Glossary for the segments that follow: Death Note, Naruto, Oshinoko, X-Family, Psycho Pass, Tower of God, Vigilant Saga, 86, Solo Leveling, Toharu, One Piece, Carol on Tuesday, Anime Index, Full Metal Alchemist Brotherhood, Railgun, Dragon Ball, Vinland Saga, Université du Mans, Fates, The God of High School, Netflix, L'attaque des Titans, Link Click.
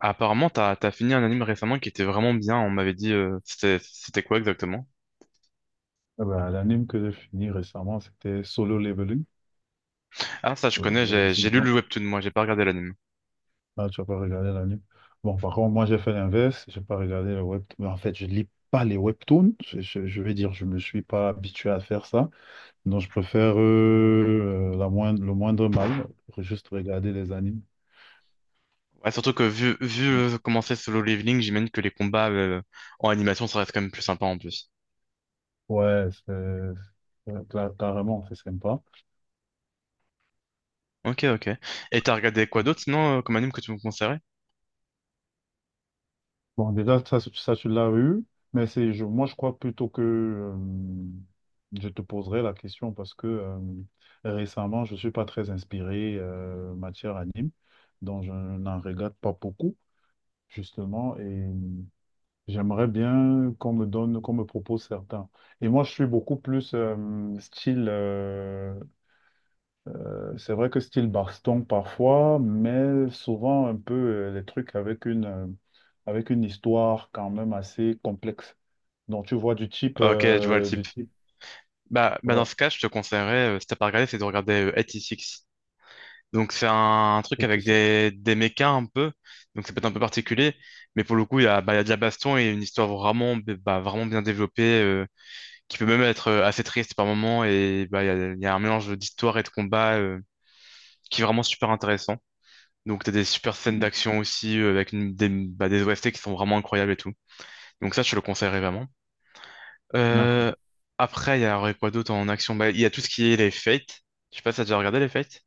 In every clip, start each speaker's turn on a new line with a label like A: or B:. A: Apparemment, t'as, t'as fini un anime récemment qui était vraiment bien. On m'avait dit, c'était quoi exactement?
B: Ah bah, l'anime que j'ai fini récemment, c'était Solo Leveling,
A: Ah, ça, je
B: euh,
A: connais,
B: la
A: j'ai lu
B: saison.
A: le webtoon, moi, j'ai pas regardé l'anime.
B: Ah, tu as pas regardé l'anime. Bon, par contre, moi, j'ai fait l'inverse. J'ai pas regardé le webtoon. En fait, je lis pas les webtoons. Je vais dire, je me suis pas habitué à faire ça. Donc, je préfère le moindre mal pour juste regarder les animes.
A: Ouais, surtout que vu, vu
B: Donc,
A: euh, comment c'est Solo Leveling, j'imagine que les combats en animation, ça reste quand même plus sympa en plus.
B: ouais, carrément, c'est sympa.
A: Ok, ok. Et t'as regardé quoi d'autre sinon comme anime que tu me conseillerais?
B: Bon, déjà, ça tu l'as eu, mais moi, je crois plutôt que je te poserai la question parce que récemment, je ne suis pas très inspiré matière anime, donc je n'en regarde pas beaucoup, justement, et j'aimerais bien qu'on me propose certains. Et moi, je suis beaucoup plus style c'est vrai que style baston parfois, mais souvent un peu les trucs avec avec une histoire quand même assez complexe. Donc tu vois
A: Ok, je vois le
B: du
A: type.
B: type,
A: Bah dans
B: ouais,
A: ce cas, je te conseillerais, si t'as pas regardé, c'est de regarder 86. Donc c'est un truc
B: et tu
A: avec
B: sais-
A: des mechas un peu, donc ça peut être un peu particulier, mais pour le coup il y a de la baston et une histoire vraiment bien développée, qui peut même être assez triste par moment, et il y a un mélange d'histoire et de combat qui est vraiment super intéressant. Donc t'as des super scènes d'action aussi, avec des OST qui sont vraiment incroyables et tout. Donc ça je te le conseillerais vraiment.
B: d'accord.
A: Euh, Après il y a quoi d'autre en action? Bah, il y a tout ce qui est les Fates, je sais pas si t'as déjà regardé les Fates.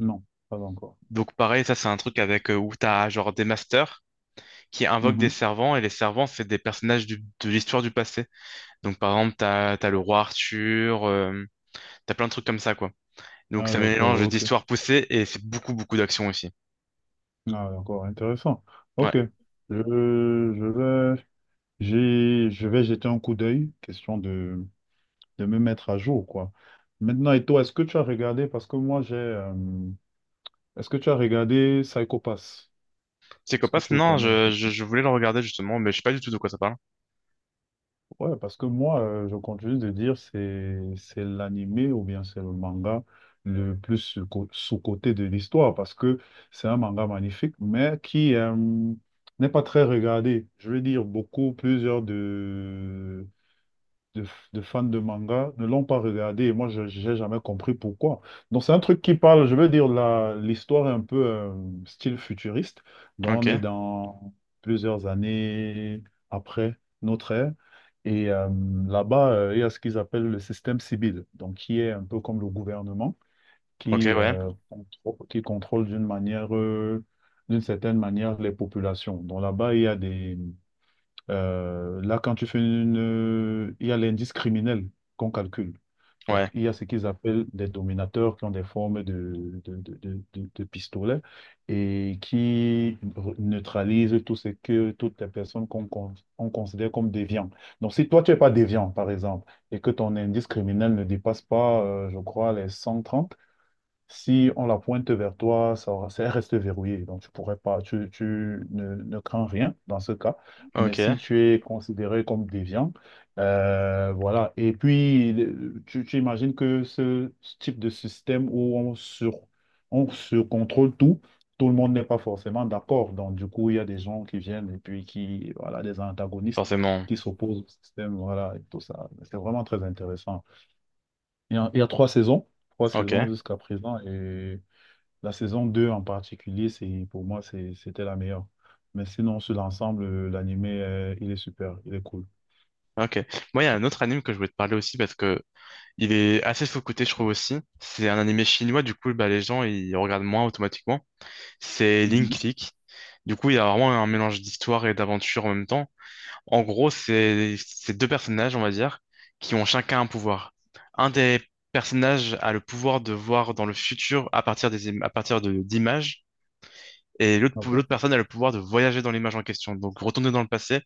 B: Non, pas encore.
A: Donc pareil, ça c'est un truc avec où t'as genre des masters qui invoque des
B: Mhm.
A: servants, et les servants, c'est des personnages de l'histoire du passé. Donc, par exemple, t'as le roi Arthur, t'as plein de trucs comme ça, quoi. Donc,
B: Ah,
A: ça
B: d'accord,
A: mélange
B: ok.
A: d'histoires poussées, et c'est beaucoup d'action aussi.
B: Ah, d'accord, intéressant.
A: Ouais.
B: Ok. Je vais, je vais jeter un coup d'œil, question de me mettre à jour, quoi. Maintenant, et toi, est-ce que tu as regardé, parce que moi j'ai, est-ce que tu as regardé Psycho Pass? Est-ce que
A: Psychopath,
B: tu le
A: non,
B: connais?
A: je voulais le regarder, justement, mais je sais pas du tout de quoi ça parle.
B: Ouais, parce que moi, je continue de dire c'est l'animé ou bien c'est le manga le plus sous-coté de l'histoire parce que c'est un manga magnifique, mais qui n'est pas très regardé. Je veux dire, plusieurs de, de fans de manga ne l'ont pas regardé et moi, je n'ai jamais compris pourquoi. Donc, c'est un truc qui parle, je veux dire, l'histoire est un peu style futuriste. Donc,
A: Ok,
B: on est dans plusieurs années après notre ère. Et là-bas, il y a ce qu'ils appellent le système civil, donc qui est un peu comme le gouvernement,
A: ok, ouais,
B: qui contrôle d'une certaine manière les populations. Donc là-bas, il y a des, là, quand tu fais une... il y a l'indice criminel qu'on calcule. Donc,
A: ouais,
B: il y a ce qu'ils appellent des dominateurs qui ont des formes de pistolets et qui neutralisent tout ce que toutes les personnes on considère comme déviants. Donc, si toi, tu n'es pas déviant, par exemple, et que ton indice criminel ne dépasse pas, je crois, les 130, si on la pointe vers toi, ça reste verrouillé. Donc, tu pourrais pas, tu ne, ne crains rien dans ce cas. Mais
A: ok,
B: si tu es considéré comme déviant, voilà. Et puis, tu imagines que ce type de système où on surcontrôle tout, tout le monde n'est pas forcément d'accord. Donc, du coup, il y a des gens qui viennent et puis qui, voilà, des antagonistes
A: forcément,
B: qui s'opposent au système, voilà, et tout ça. C'est vraiment très intéressant. Il y a trois saisons
A: ok.
B: jusqu'à présent. Et la saison 2 en particulier, pour moi, c'était la meilleure. Mais sinon, sur l'ensemble, l'anime, il est super, il est cool.
A: Ok. Moi, il y a un autre anime que je voulais te parler aussi parce que il est assez sous-coté, je trouve aussi. C'est un animé chinois, du coup, bah, les gens ils regardent moins automatiquement. C'est Link
B: Mhm.
A: Click. Du coup, il y a vraiment un mélange d'histoire et d'aventure en même temps. En gros, c'est deux personnages, on va dire, qui ont chacun un pouvoir. Un des personnages a le pouvoir de voir dans le futur à partir à partir de d'images. Et l'autre
B: Ok.
A: l'autre personne a le pouvoir de voyager dans l'image en question, donc retourner dans le passé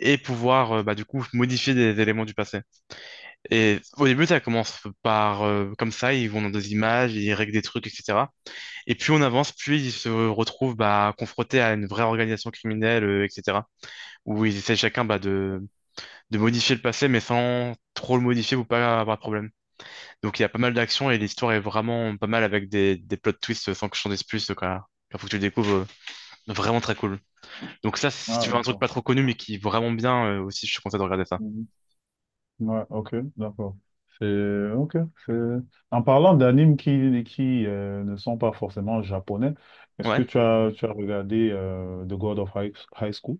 A: et pouvoir du coup modifier des éléments du passé. Et au début, ça commence par comme ça, ils vont dans des images, ils règlent des trucs, etc. Et plus on avance, plus ils se retrouvent confrontés à une vraie organisation criminelle, etc. Où ils essaient chacun de modifier le passé, mais sans trop le modifier ou pas avoir de problème. Donc il y a pas mal d'actions et l'histoire est vraiment pas mal avec des plots twists sans que je t'en dise plus. Donc, il faut que tu le découvres, vraiment très cool. Donc ça,
B: Ouais,
A: si tu veux un truc
B: d'accord.
A: pas trop connu, mais qui est vraiment bien, aussi, je te conseille de regarder ça.
B: Mhm. Ouais, ok, d'accord. C'est ok. c'est- En parlant d'animes qui ne sont pas forcément japonais, est-ce que
A: Ouais.
B: tu as regardé The God of High School?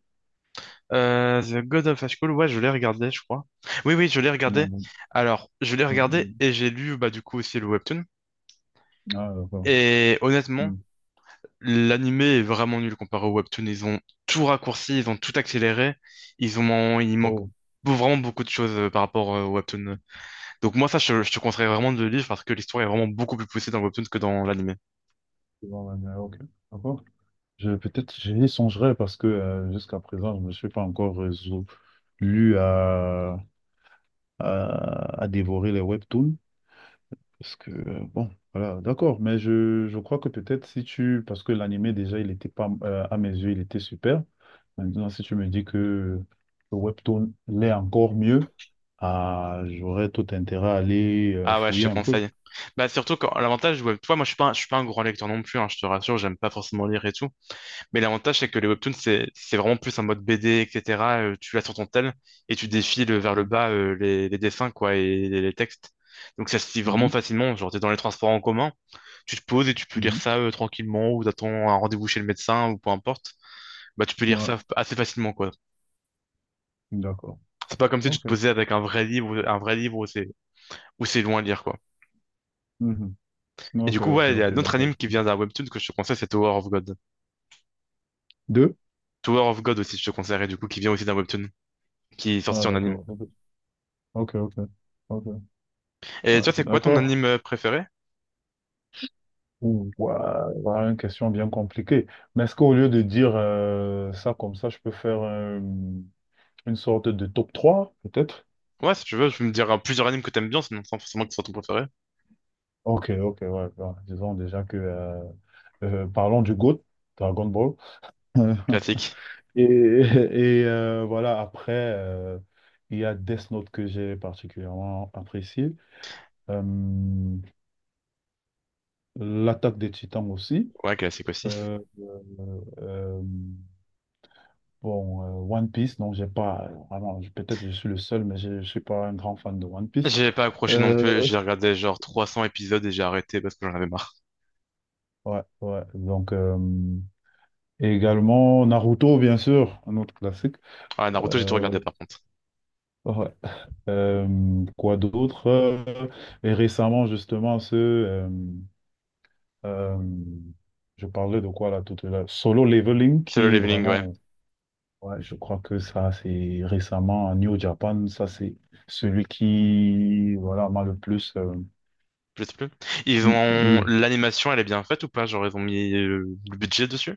A: The God of High School, ouais, je l'ai regardé, je crois. Oui, oui, je l'ai
B: Ouais,
A: regardé.
B: ouais,
A: Alors, je l'ai regardé
B: ouais.
A: et j'ai lu, bah, du coup, aussi le webtoon.
B: Ah, d'accord.
A: Et honnêtement,
B: Hmm.
A: l'anime est vraiment nul comparé au webtoon. Ils ont tout raccourci, ils ont tout accéléré. Il manque
B: Oh,
A: vraiment beaucoup de choses par rapport au webtoon. Donc moi, ça, je te conseille vraiment de le lire parce que l'histoire est vraiment beaucoup plus poussée dans le webtoon que dans l'anime.
B: c'est bon, ouais, ouais, ok. D'accord. Peut-être j'y songerai parce que jusqu'à présent, je ne me suis pas encore résolu à dévorer les webtoons. Parce que, bon, voilà, d'accord, mais je crois que peut-être si tu, parce que l'animé déjà, il était pas, à mes yeux, il était super. Maintenant, si tu me dis que le webtoon l'est encore mieux, ah, j'aurais tout intérêt à aller
A: Ah ouais, je
B: fouiller
A: te
B: un peu.
A: conseille. Bah, surtout quand l'avantage, ouais, toi, moi, je suis pas un grand lecteur non plus, hein, je te rassure, j'aime pas forcément lire et tout. Mais l'avantage, c'est que les webtoons, c'est vraiment plus un mode BD, etc. Tu l'as sur ton tel et tu défiles vers le
B: Mhm,
A: bas les dessins, quoi, et les textes. Donc ça se lit vraiment
B: mhm.
A: facilement. Genre, t'es dans les transports en commun, tu te poses et tu peux lire
B: Mhm.
A: ça tranquillement, ou t'attends un rendez-vous chez le médecin, ou peu importe. Bah, tu peux lire
B: Ouais,
A: ça assez facilement, quoi.
B: d'accord.
A: C'est pas comme si tu
B: Ok.
A: te posais avec un vrai livre, un vrai livre où c'est loin à lire, quoi.
B: Mhm.
A: Et du
B: Ok,
A: coup,
B: ok,
A: ouais, il y a
B: ok,
A: d'autres
B: d'accord.
A: animes qui vient d'un webtoon que je te conseille, c'est Tower of God.
B: Deux?
A: Tower of God aussi, je te conseillerais, du coup, qui vient aussi d'un webtoon, qui est
B: Ah,
A: sorti en anime.
B: d'accord. Ok, ok. Ok, ok.
A: Et
B: Ouais,
A: toi, c'est quoi ton
B: d'accord.
A: anime préféré?
B: Ouh, ouah, voilà une question bien compliquée. Mais est-ce qu'au lieu de dire ça comme ça, je peux faire une sorte de top trois peut-être?
A: Ouais, si tu veux, tu me diras plusieurs animes que t'aimes bien, sinon sans forcément que ce soit ton préféré.
B: Ok, ok, ouais. Bon, disons déjà que parlons du GOAT, Dragon Ball.
A: Classique.
B: Et voilà, après, il y a Death Note que j'ai particulièrement apprécié. Euh, L'attaque des Titans aussi.
A: Ouais, classique aussi.
B: Euh, euh, bon, One Piece, donc j'ai pas vraiment, peut-être je suis le seul, mais je suis pas un grand fan de One Piece.
A: J'ai pas accroché non plus,
B: Euh,
A: j'ai regardé genre 300 épisodes et j'ai arrêté parce que j'en avais marre.
B: ouais, ouais. Donc, et également Naruto, bien sûr, un autre classique.
A: Ah, Naruto, j'ai tout
B: Euh,
A: regardé par contre.
B: ouais. Quoi d'autre? Et récemment, justement, ce euh, je parlais de quoi là tout à l'heure? Solo Leveling,
A: C'est le
B: qui
A: leveling, ouais.
B: vraiment. Ouais, je crois que ça, c'est récemment New Japan. Ça, c'est celui qui, voilà, m'a le plus.
A: Je sais plus. Ils ont...
B: Oui.
A: L'animation, elle est bien faite ou pas? Genre, ils ont mis le budget dessus?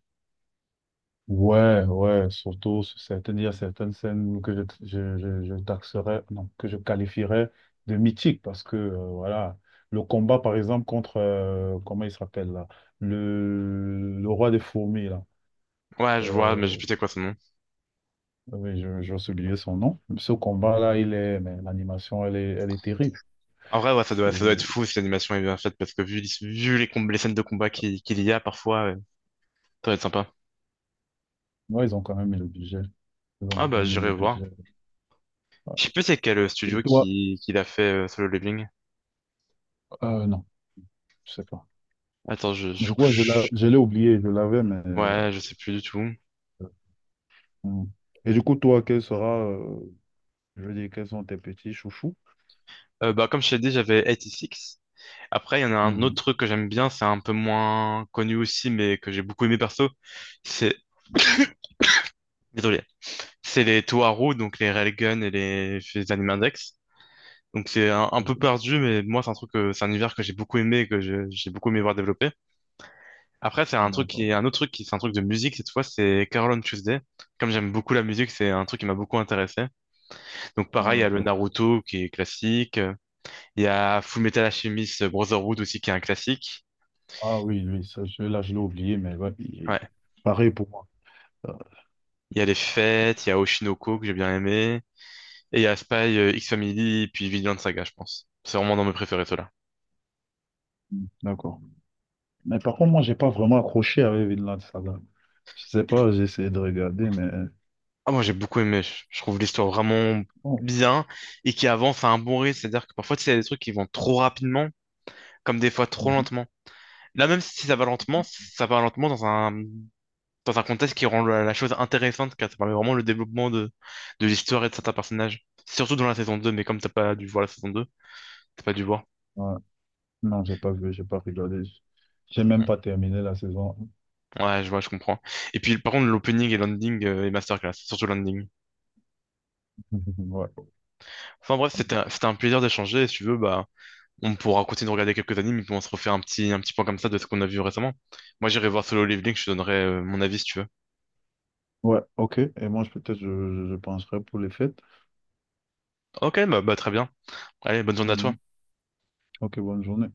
B: Ouais, ouais, surtout, sur certaines, il y a certaines scènes que je taxerais, non, que je qualifierais de mythiques parce que, voilà, le combat, par exemple, contre, comment il s'appelle là, le roi des fourmis, là.
A: Ouais, je vois,
B: Euh,
A: mais j'ai plus c'est quoi son nom.
B: oui, j'ai oublié son nom. Ce combat-là, mais l'animation, elle est terrible.
A: En vrai, ouais, ça doit être
B: C'est
A: fou si l'animation est bien faite parce que vu les scènes de combat qu'il y a parfois, ouais, ça doit être sympa.
B: Ouais, ils ont quand même mis le budget. Ils ont
A: Ah
B: quand
A: bah,
B: même mis
A: j'irai
B: le
A: voir.
B: budget. Ouais.
A: Je sais plus c'est quel
B: Et
A: studio
B: toi,
A: qui l'a fait Solo Leveling.
B: non, je sais pas.
A: Attends,
B: Je crois que
A: je-
B: je l'ai oublié, je l'avais, mais,
A: Ouais, je sais plus du tout.
B: hmm. Et du coup, toi, quel sera, je veux dire, quels sont tes petits chouchous?
A: Bah, comme je t'ai dit, j'avais Six Après, il y en a un autre
B: Mhm.
A: truc que j'aime bien, c'est un peu moins connu aussi, mais que j'ai beaucoup aimé perso. C'est... Désolé. C'est les Toharu, donc les Railgun et les Anime Index. Donc c'est un
B: Ok.
A: peu perdu, mais moi, c'est un truc, c'est un univers que j'ai beaucoup aimé, et j'ai beaucoup aimé voir développer. Après, c'est un truc
B: D'accord.
A: qui un autre truc qui, c'est un truc de musique cette fois, c'est Carol on Tuesday. Comme j'aime beaucoup la musique, c'est un truc qui m'a beaucoup intéressé. Donc
B: Ah,
A: pareil, il y a le
B: d'accord.
A: Naruto qui est classique. Il y a Full Metal Alchemist Brotherhood aussi qui est un classique.
B: Ah, oui, oui, ça, celui-là, je l'ai oublié, mais ouais, il est
A: Ouais.
B: pareil pour moi. Euh,
A: Il y a Les Fêtes, il y a Oshinoko que j'ai bien aimé. Et il y a Spy, X-Family, puis Vigilant Saga, je pense. C'est vraiment dans mes préférés, ceux-là.
B: D'accord. Mais par contre, moi, j'ai pas vraiment accroché avec Vinland Saga. Je sais pas, j'ai essayé de regarder, mais
A: Ah, moi j'ai beaucoup aimé. Je trouve l'histoire vraiment
B: bon.
A: bien et qui avance à un bon rythme. C'est-à-dire que parfois, tu sais, il y a des trucs qui vont trop rapidement, comme des fois trop
B: Mhm.
A: lentement. Là, même si ça va lentement, ça va lentement dans dans un contexte qui rend la chose intéressante, car ça permet vraiment le développement de l'histoire et de certains personnages. Surtout dans la saison 2 mais comme t'as pas dû voir la saison 2 t'as pas dû voir.
B: Ouais. Non, j'ai pas vu, j'ai pas regardé. J'ai même pas terminé la saison.
A: Ouais, je vois, je comprends. Et puis, par contre, l'opening et l'ending et masterclass, surtout l'ending.
B: Ouais.
A: Enfin bref, c'était un plaisir d'échanger. Si tu veux, bah, on pourra continuer de regarder quelques animes et puis on se refait un petit point comme ça de ce qu'on a vu récemment. Moi, j'irai voir Solo Leveling, je te donnerai mon avis si tu veux.
B: Ouais, ok. Et moi, peut-être, je penserai pour les fêtes.
A: Ok, bah très bien. Allez, bonne journée à toi.
B: Mhm. Ok, bonne journée.